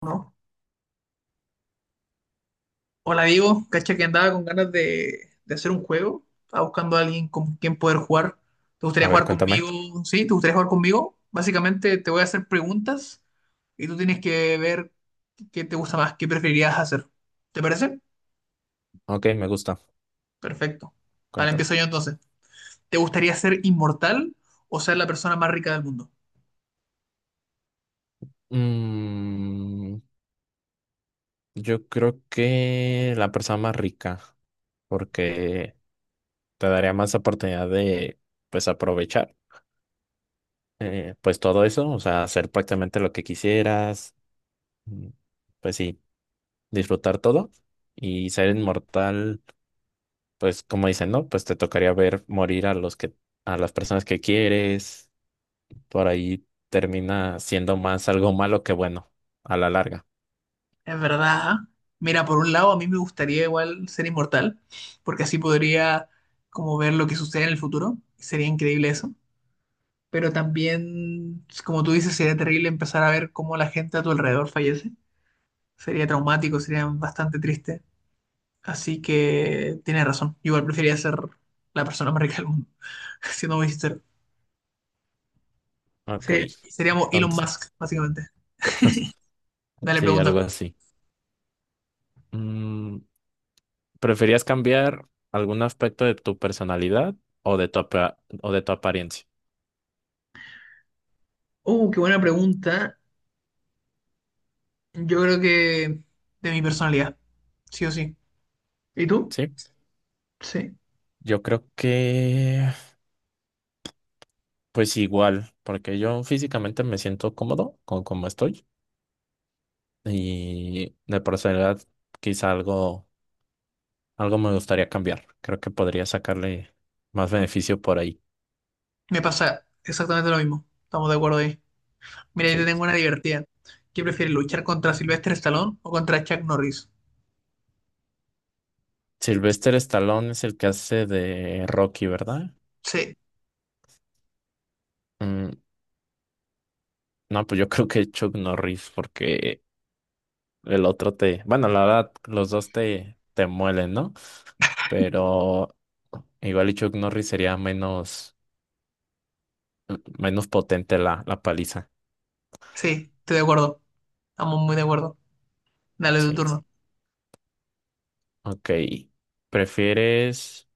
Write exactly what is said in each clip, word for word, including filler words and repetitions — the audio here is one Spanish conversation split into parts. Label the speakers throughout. Speaker 1: ¿No? Hola Diego, cacha que andaba con ganas de, de hacer un juego. Estaba buscando a alguien con quien poder jugar. ¿Te gustaría
Speaker 2: A ver,
Speaker 1: jugar conmigo?
Speaker 2: cuéntame.
Speaker 1: ¿Sí? ¿Te gustaría jugar conmigo? Básicamente te voy a hacer preguntas y tú tienes que ver qué te gusta más, qué preferirías hacer. ¿Te parece?
Speaker 2: Ok, me gusta.
Speaker 1: Perfecto. Vale,
Speaker 2: Cuéntame.
Speaker 1: empiezo yo entonces. ¿Te gustaría ser inmortal o ser la persona más rica del mundo?
Speaker 2: Mm, yo creo que la persona más rica, porque te daría más oportunidad de, pues, aprovechar, eh, pues, todo eso, o sea, hacer prácticamente lo que quisieras, mm, pues, sí, disfrutar todo y ser inmortal, pues, como dicen, ¿no? Pues te tocaría ver morir a los que, a las personas que quieres, por ahí termina siendo más algo malo que bueno, a la larga.
Speaker 1: Es verdad. Mira, por un lado, a mí me gustaría igual ser inmortal, porque así podría como ver lo que sucede en el futuro. Sería increíble eso. Pero también, pues, como tú dices, sería terrible empezar a ver cómo la gente a tu alrededor fallece. Sería traumático, sería bastante triste. Así que tienes razón. Igual preferiría ser la persona más rica del mundo, siendo muy sincero.
Speaker 2: Ok,
Speaker 1: Sería- seríamos Elon
Speaker 2: entonces,
Speaker 1: Musk, básicamente. Dale,
Speaker 2: sí,
Speaker 1: pregunta.
Speaker 2: algo así. Mm, ¿preferías cambiar algún aspecto de tu personalidad o de tu, apa- o de tu apariencia?
Speaker 1: Uh, qué buena pregunta. Yo creo que de mi personalidad, sí o sí. ¿Y tú?
Speaker 2: Sí,
Speaker 1: Sí.
Speaker 2: yo creo que pues igual, porque yo físicamente me siento cómodo con cómo estoy y de personalidad quizá algo, algo me gustaría cambiar. Creo que podría sacarle más beneficio por ahí.
Speaker 1: Me pasa exactamente lo mismo. Estamos de acuerdo ahí. Mira, yo te
Speaker 2: Sí.
Speaker 1: tengo una divertida. ¿Qué prefieres, luchar contra Sylvester Stallone o contra Chuck Norris?
Speaker 2: ¿Sylvester Stallone es el que hace de Rocky, verdad?
Speaker 1: Sí,
Speaker 2: Mm, No, pues yo creo que Chuck Norris, porque el otro te, bueno, la verdad, los dos te, te muelen, ¿no? Pero igual y Chuck Norris sería menos, menos potente la, la paliza.
Speaker 1: sí, estoy de acuerdo. Estamos muy de acuerdo. Dale tu
Speaker 2: Sí.
Speaker 1: turno.
Speaker 2: Ok. ¿Prefieres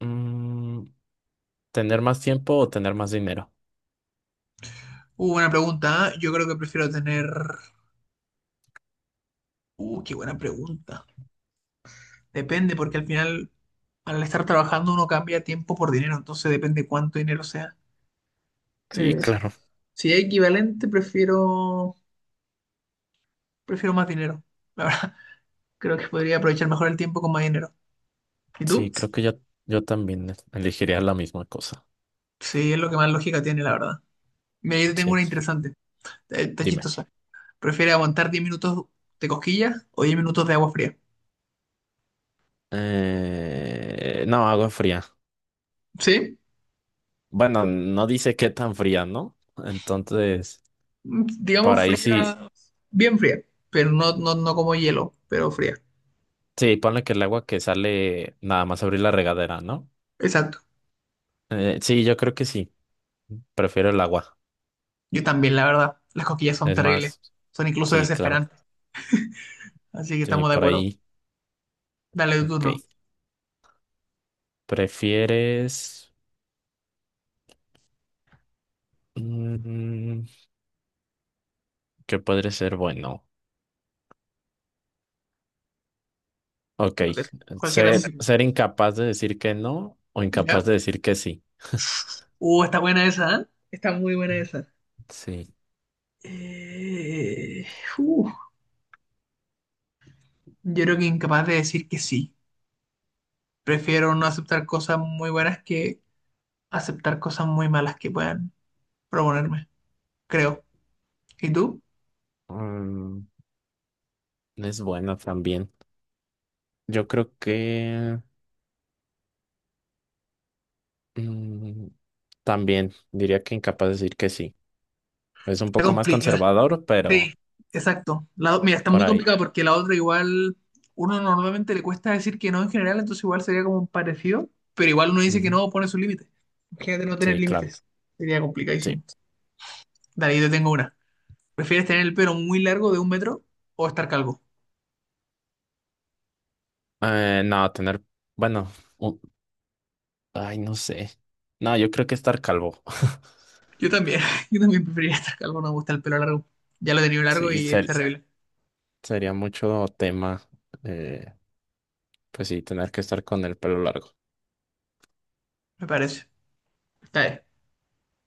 Speaker 2: mm, tener más tiempo o tener más dinero?
Speaker 1: Uh, buena pregunta. ¿Eh? Yo creo que prefiero tener. Uh, qué buena pregunta. Depende, porque al final, al estar trabajando, uno cambia tiempo por dinero, entonces depende cuánto dinero sea.
Speaker 2: Sí,
Speaker 1: Eh,
Speaker 2: claro.
Speaker 1: si es equivalente, prefiero. Prefiero más dinero. La verdad, creo que podría aprovechar mejor el tiempo con más dinero. ¿Y tú?
Speaker 2: Sí, creo que yo, yo también elegiría la misma cosa.
Speaker 1: Sí, es lo que más lógica tiene, la verdad. Mira, yo te tengo
Speaker 2: Sí,
Speaker 1: una interesante. Eh, Está
Speaker 2: dime.
Speaker 1: chistosa. ¿Prefieres aguantar diez minutos de cosquillas o diez minutos de agua fría?
Speaker 2: Eh, no, agua fría.
Speaker 1: Sí,
Speaker 2: Bueno, no dice qué tan fría, ¿no? Entonces,
Speaker 1: mm, digamos
Speaker 2: para ahí sí,
Speaker 1: fría, bien fría, pero no, no, no como hielo, pero fría.
Speaker 2: sí, ponle que el agua que sale nada más abrir la regadera, ¿no?
Speaker 1: Exacto.
Speaker 2: Eh, sí, yo creo que sí. Prefiero el agua.
Speaker 1: Yo también, la verdad. Las cosquillas son
Speaker 2: Es
Speaker 1: terribles,
Speaker 2: más,
Speaker 1: son incluso
Speaker 2: sí, claro.
Speaker 1: desesperantes, así que
Speaker 2: Sí,
Speaker 1: estamos de
Speaker 2: por
Speaker 1: acuerdo.
Speaker 2: ahí.
Speaker 1: Dale tu
Speaker 2: Ok.
Speaker 1: turno.
Speaker 2: ¿Prefieres... mm, qué podría ser bueno? Ok.
Speaker 1: Lo que sea. Cualquiera. Me
Speaker 2: Ser, ser incapaz de decir que no o
Speaker 1: ¿Ya?
Speaker 2: incapaz de decir que sí.
Speaker 1: Uh, está buena esa, ¿eh? Está muy buena esa.
Speaker 2: Sí.
Speaker 1: Eh, uh, yo creo que incapaz de decir que sí. Prefiero no aceptar cosas muy buenas que aceptar cosas muy malas que puedan proponerme, creo. ¿Y tú?
Speaker 2: Mm, es bueno también. Yo creo que... Mm, también diría que incapaz de decir que sí. Es un
Speaker 1: Está
Speaker 2: poco más
Speaker 1: complicado.
Speaker 2: conservador, pero
Speaker 1: Sí, exacto. La, o- mira, está
Speaker 2: por
Speaker 1: muy
Speaker 2: ahí.
Speaker 1: complicado porque la otra igual, uno normalmente le cuesta decir que no en general, entonces igual sería como un parecido, pero igual uno dice que
Speaker 2: Ujú.
Speaker 1: no, pone sus límites. Imagínate no tener
Speaker 2: Sí, claro.
Speaker 1: límites, sería complicadísimo.
Speaker 2: Sí.
Speaker 1: Dale, yo te tengo una. ¿Prefieres tener el pelo muy largo de un metro o estar calvo?
Speaker 2: Eh, no, tener, bueno, un- ay, no sé. No, yo creo que estar calvo.
Speaker 1: Yo también, yo también preferiría estar calvo, no me gusta el pelo largo. Ya lo he tenido largo
Speaker 2: Sí,
Speaker 1: y es
Speaker 2: ser-
Speaker 1: terrible,
Speaker 2: sería mucho tema. eh, pues sí, tener que estar con el pelo largo.
Speaker 1: me parece. Está bien.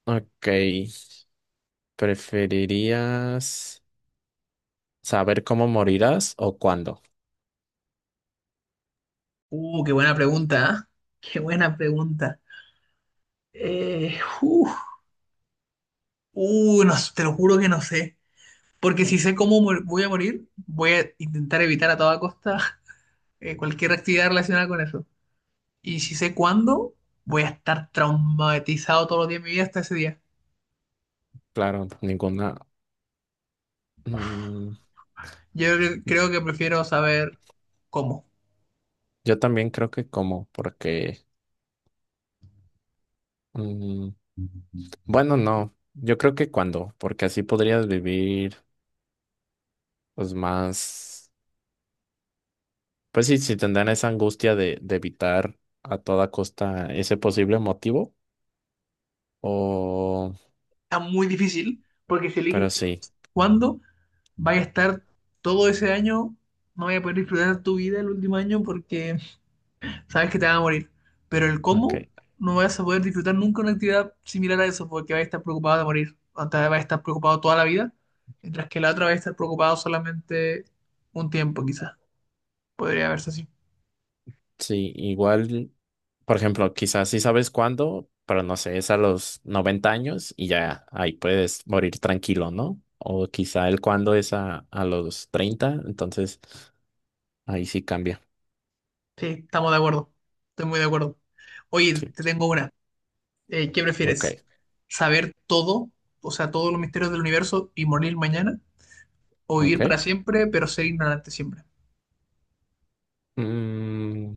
Speaker 2: Ok, ¿preferirías saber cómo morirás o cuándo?
Speaker 1: Uh, qué buena pregunta, ¿ah? Qué buena pregunta. Eh, uh, uh, no, te lo juro que no sé. Porque si sé cómo mu- voy a morir, voy a intentar evitar a toda costa eh, cualquier actividad relacionada con eso. Y si sé cuándo, voy a estar traumatizado todos los días de mi vida hasta ese día.
Speaker 2: Claro, ninguna. mm,
Speaker 1: Yo cre- creo que prefiero saber cómo.
Speaker 2: yo también creo que cómo, porque Mm, bueno, no, yo creo que cuando, porque así podrías vivir pues más, pues sí, si tendrán esa angustia de, de evitar a toda costa ese posible motivo, o,
Speaker 1: Está muy difícil porque si eliges
Speaker 2: pero
Speaker 1: cu-
Speaker 2: sí,
Speaker 1: cuándo, vaya a estar todo ese año, no voy a poder disfrutar tu vida el último año porque sabes que te vas a morir. Pero el
Speaker 2: ok,
Speaker 1: cómo, no vas a poder disfrutar nunca una actividad similar a eso, porque vas a estar preocupado de morir. Antes vas a estar preocupado toda la vida, mientras que la otra va a estar preocupado solamente un tiempo, quizás. Podría verse así.
Speaker 2: sí, igual, por ejemplo, quizás sí sabes cuándo, pero no sé, es a los noventa años y ya ahí puedes morir tranquilo, ¿no? O quizá el cuándo es a, a los treinta, entonces ahí sí cambia,
Speaker 1: Sí, estamos de acuerdo. Estoy muy de acuerdo. Oye,
Speaker 2: sí,
Speaker 1: te tengo una. Eh, ¿qué
Speaker 2: ok,
Speaker 1: prefieres? ¿Saber todo, o sea, todos los misterios del universo y morir mañana? ¿O
Speaker 2: ok.
Speaker 1: vivir para siempre, pero ser ignorante siempre?
Speaker 2: Mm,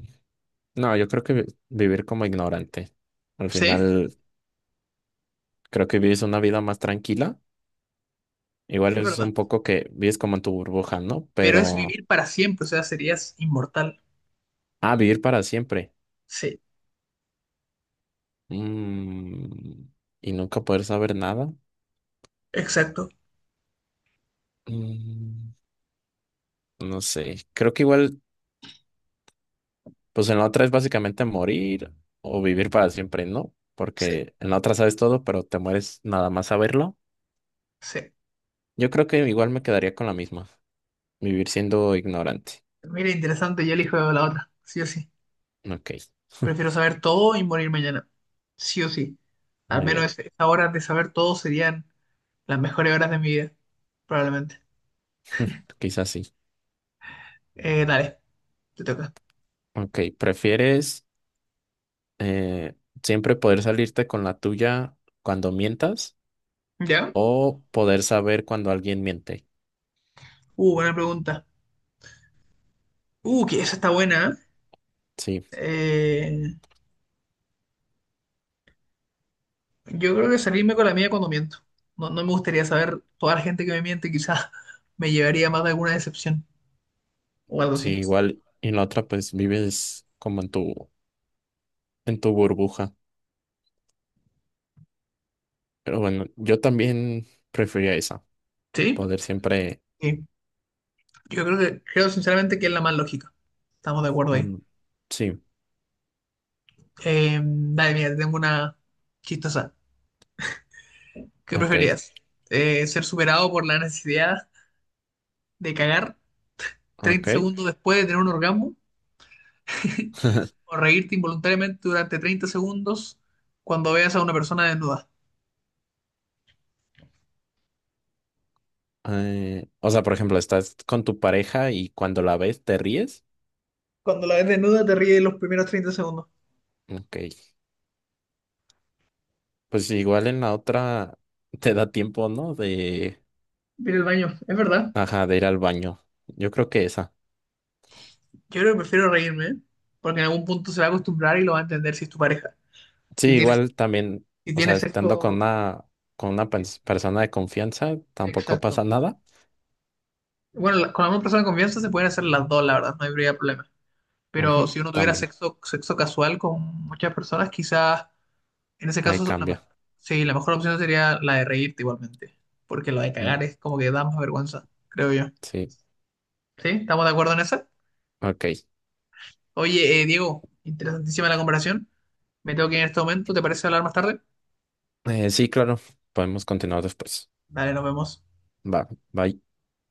Speaker 2: no, yo creo que vi- vivir como ignorante. Al
Speaker 1: Sí,
Speaker 2: final, creo que vives una vida más tranquila. Igual
Speaker 1: es
Speaker 2: es
Speaker 1: verdad.
Speaker 2: un poco que vives como en tu burbuja, ¿no?
Speaker 1: Pero es
Speaker 2: Pero,
Speaker 1: vivir para siempre, o sea, serías inmortal.
Speaker 2: ah, vivir para siempre.
Speaker 1: Sí,
Speaker 2: Mm, y nunca poder saber nada.
Speaker 1: exacto.
Speaker 2: Mm, no sé. Creo que igual, pues en la otra es básicamente morir o vivir para siempre, ¿no?
Speaker 1: Sí.
Speaker 2: Porque en la otra sabes todo, pero te mueres nada más saberlo.
Speaker 1: Sí.
Speaker 2: Yo creo que igual me quedaría con la misma. Vivir siendo ignorante.
Speaker 1: Mira, interesante, yo elijo la otra, sí o sí.
Speaker 2: Ok.
Speaker 1: Prefiero saber todo y morir mañana, sí o sí. Al
Speaker 2: Muy
Speaker 1: menos
Speaker 2: bien,
Speaker 1: es- esas horas de saber todo serían las mejores horas de mi vida, probablemente.
Speaker 2: quizás sí.
Speaker 1: Eh, dale, te toca.
Speaker 2: Ok, ¿prefieres eh, siempre poder salirte con la tuya cuando mientas
Speaker 1: ¿Ya?
Speaker 2: o poder saber cuando alguien miente?
Speaker 1: Uh, buena pregunta. Uh, que esa está buena.
Speaker 2: Sí,
Speaker 1: ¿Eh? Eh, yo creo que salirme con la mía cuando miento. No, no me gustaría saber toda la gente que me miente, quizás me llevaría más de alguna decepción o algo
Speaker 2: sí,
Speaker 1: así.
Speaker 2: igual y en la otra pues vives como en tu, en tu burbuja. Pero bueno, yo también prefería esa,
Speaker 1: ¿Sí?
Speaker 2: poder siempre...
Speaker 1: Sí. Yo creo que, creo sinceramente que es la más lógica. Estamos de acuerdo ahí.
Speaker 2: mm, sí,
Speaker 1: Eh, dale, mira, te tengo una chistosa. ¿Qué
Speaker 2: ok,
Speaker 1: preferirías? Eh, ¿ser superado por la necesidad de cagar
Speaker 2: ok.
Speaker 1: treinta segundos después de tener un orgasmo? ¿O reírte involuntariamente durante treinta segundos cuando veas a una persona desnuda?
Speaker 2: Eh, o sea, por ejemplo, estás con tu pareja y cuando la ves te ríes.
Speaker 1: Cuando la ves desnuda te ríes los primeros treinta segundos.
Speaker 2: Ok. Pues igual en la otra te da tiempo, ¿no? De,
Speaker 1: Mira el baño, es verdad.
Speaker 2: ajá, de ir al baño. Yo creo que esa.
Speaker 1: Yo creo que prefiero reírme, ¿eh? Porque en algún punto se va a acostumbrar y lo va a entender si es tu pareja.
Speaker 2: Sí,
Speaker 1: Si tienes,
Speaker 2: igual también,
Speaker 1: si
Speaker 2: o sea,
Speaker 1: tienes
Speaker 2: estando con
Speaker 1: sexo,
Speaker 2: una, con una pers- persona de confianza, tampoco
Speaker 1: exacto.
Speaker 2: pasa nada.
Speaker 1: Bueno, la- con la misma persona de confianza se pueden hacer las dos, la verdad, no habría problema. Pero
Speaker 2: Ujú,
Speaker 1: si uno tuviera
Speaker 2: también,
Speaker 1: sexo, sexo casual con muchas personas, quizás en ese
Speaker 2: ahí
Speaker 1: caso, la, me-
Speaker 2: cambia.
Speaker 1: sí, la mejor opción sería la de reírte igualmente. Porque la de cagar
Speaker 2: Mm,
Speaker 1: es como que da más vergüenza, creo yo.
Speaker 2: sí,
Speaker 1: ¿Sí? ¿Estamos de acuerdo en esa?
Speaker 2: ok.
Speaker 1: Oye, eh, Diego, interesantísima la conversación. Me tengo que ir en este momento, ¿te parece hablar más tarde?
Speaker 2: Eh, sí, claro, podemos continuar después.
Speaker 1: Dale, nos vemos.
Speaker 2: Va, bye.